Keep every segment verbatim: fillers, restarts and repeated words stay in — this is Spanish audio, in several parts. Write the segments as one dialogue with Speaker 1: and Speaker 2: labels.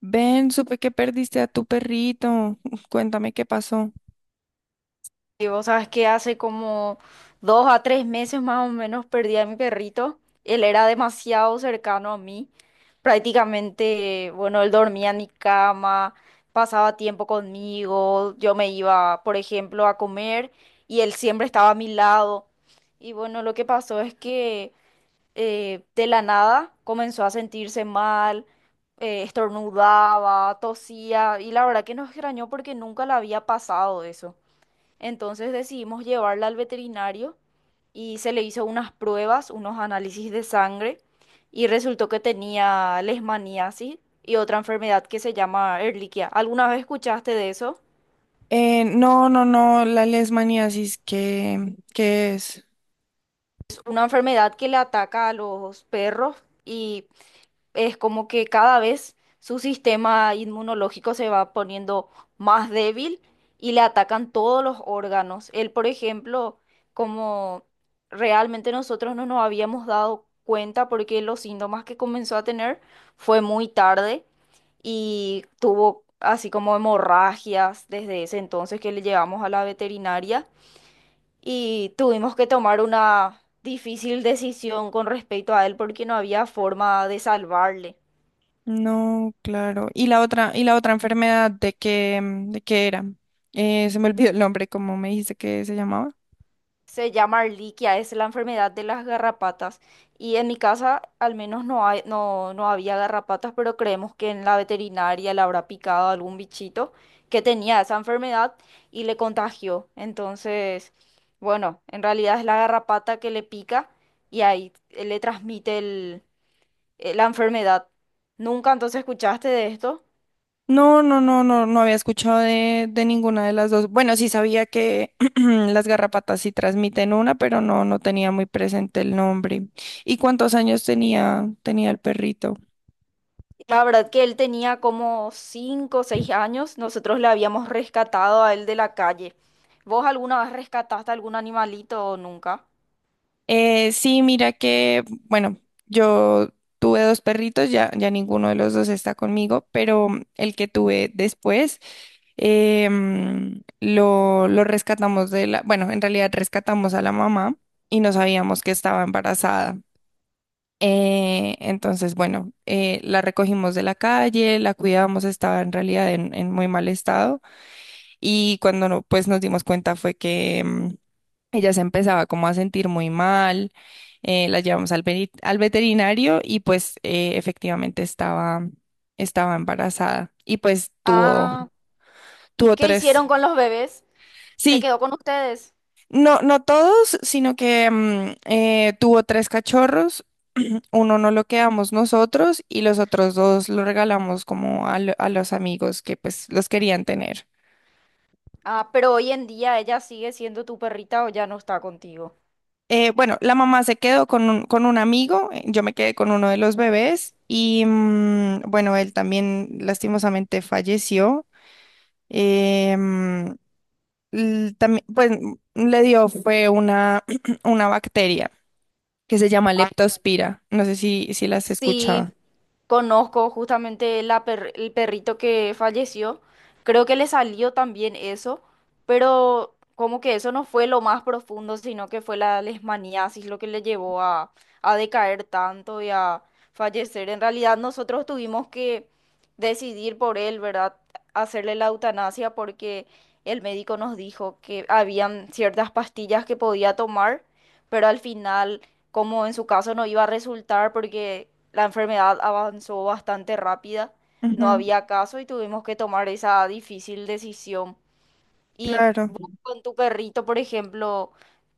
Speaker 1: Ven, supe que perdiste a tu perrito. Cuéntame qué pasó.
Speaker 2: Y vos sabes que hace como dos a tres meses más o menos perdí a mi perrito. Él era demasiado cercano a mí. Prácticamente, bueno, él dormía en mi cama, pasaba tiempo conmigo. Yo me iba, por ejemplo, a comer y él siempre estaba a mi lado. Y bueno, lo que pasó es que eh, de la nada comenzó a sentirse mal, eh, estornudaba, tosía y la verdad que nos extrañó porque nunca le había pasado eso. Entonces decidimos llevarla al veterinario y se le hizo unas pruebas, unos análisis de sangre y resultó que tenía leishmaniasis y otra enfermedad que se llama Ehrlichia. ¿Alguna vez escuchaste de eso?
Speaker 1: Eh, no, no, no, la lesmaniasis, ¿qué, qué es?
Speaker 2: Es una enfermedad que le ataca a los perros y es como que cada vez su sistema inmunológico se va poniendo más débil y le atacan todos los órganos. Él, por ejemplo, como realmente nosotros no nos habíamos dado cuenta porque los síntomas que comenzó a tener fue muy tarde y tuvo así como hemorragias desde ese entonces que le llevamos a la veterinaria y tuvimos que tomar una difícil decisión con respecto a él porque no había forma de salvarle.
Speaker 1: No, claro. ¿Y la otra, y la otra enfermedad de qué, mm, de qué era? Eh, se me olvidó el nombre, ¿cómo me dijiste que se llamaba?
Speaker 2: Se llama Arliquia, es la enfermedad de las garrapatas. Y en mi casa al menos no hay, no, no había garrapatas, pero creemos que en la veterinaria le habrá picado algún bichito que tenía esa enfermedad y le contagió. Entonces, bueno, en realidad es la garrapata que le pica y ahí eh, le transmite el- eh, la enfermedad. ¿Nunca entonces escuchaste de esto?
Speaker 1: No, no, no, no, no había escuchado de, de ninguna de las dos. Bueno, sí sabía que las garrapatas sí transmiten una, pero no, no tenía muy presente el nombre. ¿Y cuántos años tenía, tenía el perrito?
Speaker 2: La verdad que él tenía como cinco o seis años, nosotros le habíamos rescatado a él de la calle. ¿Vos alguna vez rescataste algún animalito o nunca?
Speaker 1: Eh, sí, mira que, bueno, yo tuve dos perritos, ya, ya ninguno de los dos está conmigo, pero el que tuve después em, lo, lo rescatamos de la, bueno, en realidad rescatamos a la mamá y no sabíamos que estaba embarazada. Eh, entonces, bueno, eh, la recogimos de la calle, la cuidábamos, estaba en realidad en, en muy mal estado y cuando no, pues nos dimos cuenta fue que em, ella se empezaba como a sentir muy mal, eh, la llevamos al, veri- al veterinario y pues eh, efectivamente estaba, estaba embarazada y pues tuvo,
Speaker 2: Ah, ¿y
Speaker 1: tuvo
Speaker 2: qué hicieron
Speaker 1: tres,
Speaker 2: con los bebés? ¿Se
Speaker 1: sí,
Speaker 2: quedó con ustedes?
Speaker 1: no, no todos, sino que mm, eh, tuvo tres cachorros, uno no lo quedamos nosotros y los otros dos lo regalamos como a, lo- a los amigos que pues los querían tener.
Speaker 2: Ah, pero hoy en día ella sigue siendo tu perrita o ya no está contigo.
Speaker 1: Eh, bueno, la mamá se quedó con un, con un amigo, eh, yo me quedé con uno de los bebés y mm, bueno, él también lastimosamente falleció. Eh, mm, l- también, pues mm, le dio fue una, una bacteria que se llama
Speaker 2: Ah, ya me alegro.
Speaker 1: Leptospira. No sé si, si las
Speaker 2: Sí,
Speaker 1: escuchaba.
Speaker 2: conozco justamente la per- el perrito que falleció. Creo que le salió también eso, pero como que eso no fue lo más profundo, sino que fue la leishmaniasis lo que le llevó a, a decaer tanto y a fallecer. En realidad nosotros tuvimos que decidir por él, ¿verdad? Hacerle la eutanasia porque el médico nos dijo que habían ciertas pastillas que podía tomar, pero al final como en su caso no iba a resultar porque la enfermedad avanzó bastante rápida, no
Speaker 1: Ujú,
Speaker 2: había caso y tuvimos que tomar esa difícil decisión. Y
Speaker 1: claro.
Speaker 2: vos con tu perrito, por ejemplo,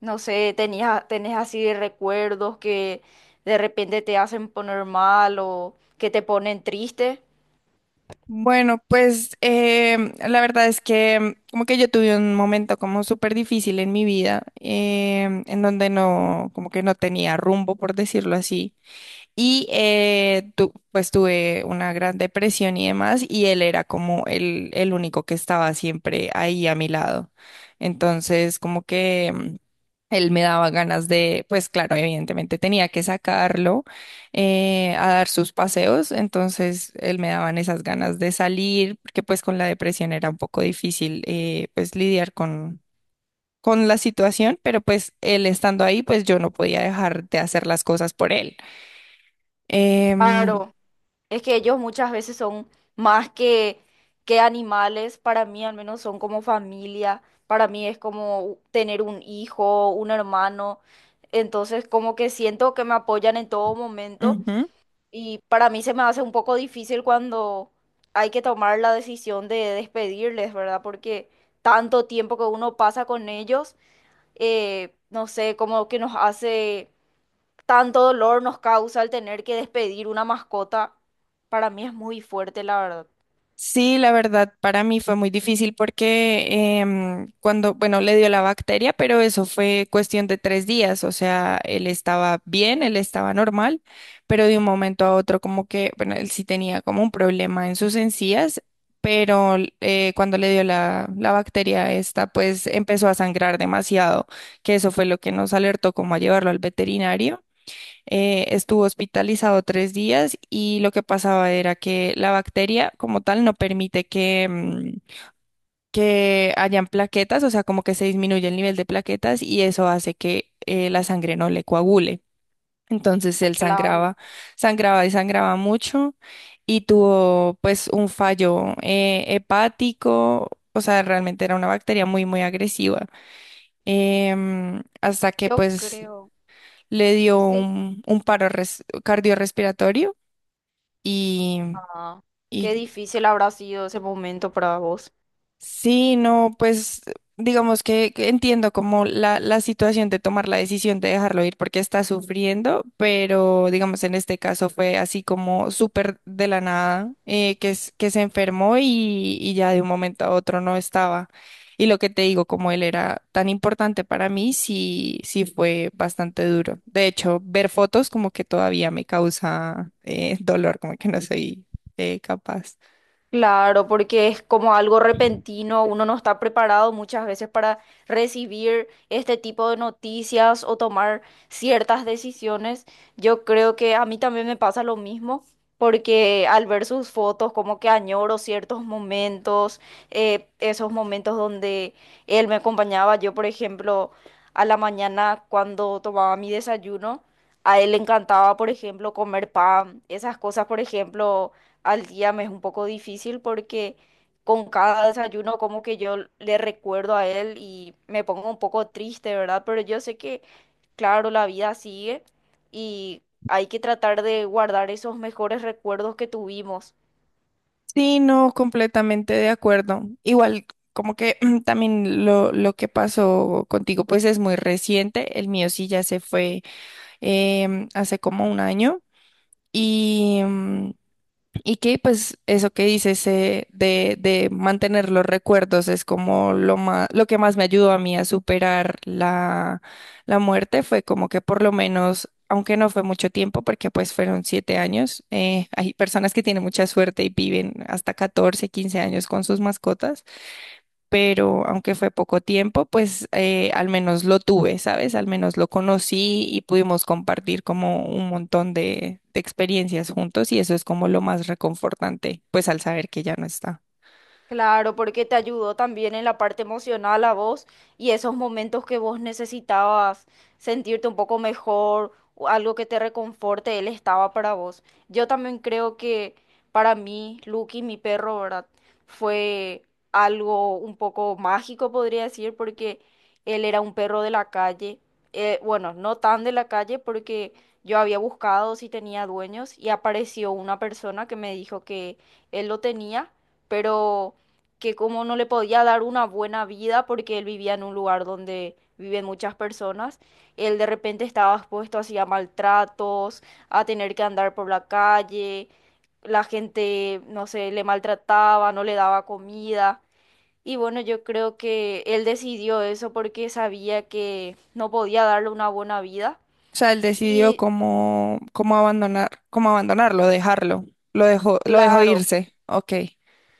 Speaker 2: no sé, tenías, tenés así de recuerdos que de repente te hacen poner mal o que te ponen triste.
Speaker 1: Bueno, pues em, la verdad es que em, como que yo tuve un momento como súper difícil en mi vida, em, en donde no, como que no tenía rumbo, por decirlo así. Y eh, tu- pues tuve una gran depresión y demás, y él era como el, el único que estaba siempre ahí a mi lado. Entonces, como que mm, él me daba ganas de, pues claro, evidentemente tenía que sacarlo eh, a dar sus paseos, entonces él me daban esas ganas de salir, porque pues con la depresión era un poco difícil eh, pues lidiar con... con la situación, pero pues él estando ahí, pues yo no podía dejar de hacer las cosas por él. Em,
Speaker 2: Claro. Es que ellos muchas veces son más que, que animales, para mí al menos son como familia, para mí es como tener un hijo, un hermano, entonces como que siento que me apoyan en todo momento
Speaker 1: ujú.
Speaker 2: y para mí se me hace un poco difícil cuando hay que tomar la decisión de despedirles, ¿verdad? Porque tanto tiempo que uno pasa con ellos, eh, no sé, como que nos hace tanto dolor nos causa el tener que despedir una mascota, para mí es muy fuerte, la verdad.
Speaker 1: Sí, la verdad, para mí fue muy difícil porque em, cuando, bueno, le dio la bacteria, pero eso fue cuestión de tres días, o sea, él estaba bien, él estaba normal, pero de un momento a otro como que, bueno, él sí tenía como un problema en sus encías, pero eh, cuando le dio la, la bacteria esta, pues empezó a sangrar demasiado, que eso fue lo que nos alertó como a llevarlo al veterinario. Eh, estuvo hospitalizado tres días y lo que pasaba era que la bacteria como tal no permite que, mm, que hayan plaquetas, o sea, como que se disminuye el nivel de plaquetas y eso hace que eh, la sangre no le coagule. Entonces él
Speaker 2: Claro,
Speaker 1: sangraba, sangraba y sangraba mucho y tuvo pues un fallo eh, hepático, o sea, realmente era una bacteria muy, muy agresiva. Em, hasta que
Speaker 2: yo
Speaker 1: pues
Speaker 2: creo,
Speaker 1: le dio
Speaker 2: sí.
Speaker 1: un, un paro res- cardiorrespiratorio y,
Speaker 2: Ah, qué
Speaker 1: y
Speaker 2: difícil habrá sido ese momento para vos.
Speaker 1: Sí, no, pues digamos que, que entiendo como la, la situación de tomar la decisión de dejarlo ir porque está sufriendo, pero digamos en este caso fue así como súper de la nada, eh, que, es- que se enfermó y, y ya de un momento a otro no estaba. Y lo que te digo, como él era tan importante para mí, sí, sí fue bastante duro. De hecho, ver fotos como que todavía me causa eh, dolor, como que no soy eh, capaz.
Speaker 2: Claro, porque es como algo repentino, uno no está preparado muchas veces para recibir este tipo de noticias o tomar ciertas decisiones. Yo creo que a mí también me pasa lo mismo, porque al ver sus fotos como que añoro ciertos momentos, eh, esos momentos donde él me acompañaba, yo por ejemplo, a la mañana cuando tomaba mi desayuno. A él le encantaba, por ejemplo, comer pan, esas cosas, por ejemplo, al día me es un poco difícil porque con cada desayuno como que yo le recuerdo a él y me pongo un poco triste, ¿verdad? Pero yo sé que, claro, la vida sigue y hay que tratar de guardar esos mejores recuerdos que tuvimos.
Speaker 1: Sí, no, completamente de acuerdo. Igual, como que también lo, lo que pasó contigo, pues es muy reciente. El mío sí ya se fue em, hace como un año. Y, mm, y que pues eso que dices eh, de, de mantener los recuerdos es como lo más, lo que más me ayudó a mí a superar la, la muerte fue como que por lo menos, aunque no fue mucho tiempo, porque pues fueron siete años, eh, hay personas que tienen mucha suerte y viven hasta catorce quince años con sus mascotas, pero aunque fue poco tiempo, pues eh, al menos lo tuve, ¿sabes? Al menos lo conocí y pudimos compartir como un montón de, de experiencias juntos y eso es como lo más reconfortante, pues al saber que ya no está.
Speaker 2: Claro, porque te ayudó también en la parte emocional a vos y esos momentos que vos necesitabas sentirte un poco mejor o algo que te reconforte, él estaba para vos. Yo también creo que para mí, Lucky, mi perro, ¿verdad? Fue algo un poco mágico, podría decir, porque él era un perro de la calle. Eh, bueno, no tan de la calle porque yo había buscado si tenía dueños y apareció una persona que me dijo que él lo tenía, pero que como no le podía dar una buena vida porque él vivía en un lugar donde viven muchas personas, él de repente estaba expuesto así a maltratos, a tener que andar por la calle, la gente, no sé, le maltrataba, no le daba comida. Y bueno, yo creo que él decidió eso porque sabía que no podía darle una buena vida.
Speaker 1: O sea, él decidió
Speaker 2: Y
Speaker 1: cómo, cómo abandonar, cómo abandonarlo, dejarlo, lo dejó, lo dejó
Speaker 2: claro.
Speaker 1: irse, ok.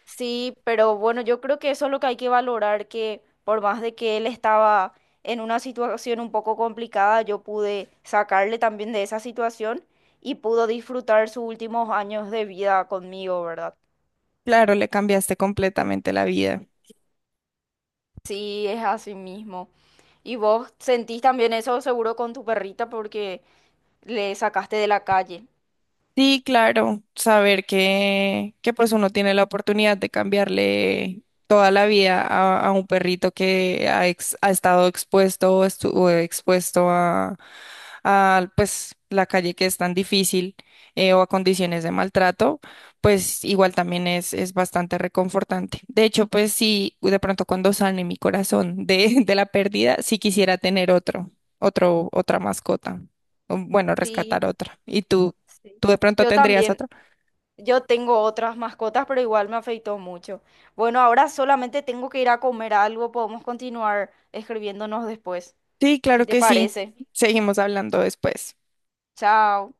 Speaker 2: Sí, pero bueno, yo creo que eso es lo que hay que valorar, que por más de que él estaba en una situación un poco complicada, yo pude sacarle también de esa situación y pudo disfrutar sus últimos años de vida conmigo, ¿verdad?
Speaker 1: Claro, le cambiaste completamente la vida.
Speaker 2: Sí, es así mismo. Y vos sentís también eso seguro con tu perrita porque le sacaste de la calle.
Speaker 1: Sí, claro, saber que, que pues uno tiene la oportunidad de cambiarle toda la vida a, a un perrito que ha, ex- ha estado expuesto o estuvo expuesto a pues la calle, que es tan difícil, eh, o a condiciones de maltrato, pues igual también es, es bastante reconfortante. De hecho, pues sí, de pronto cuando sane mi corazón de, de la pérdida, sí quisiera tener otro, otro, otra mascota, o, bueno,
Speaker 2: Sí,
Speaker 1: rescatar otra. ¿Y tú,
Speaker 2: sí.
Speaker 1: tú de pronto
Speaker 2: Yo
Speaker 1: tendrías
Speaker 2: también.
Speaker 1: otra?
Speaker 2: Yo tengo otras mascotas, pero igual me afectó mucho. Bueno, ahora solamente tengo que ir a comer algo. Podemos continuar escribiéndonos después,
Speaker 1: Sí,
Speaker 2: si
Speaker 1: claro
Speaker 2: te
Speaker 1: que sí.
Speaker 2: parece.
Speaker 1: Seguimos hablando después.
Speaker 2: Chao.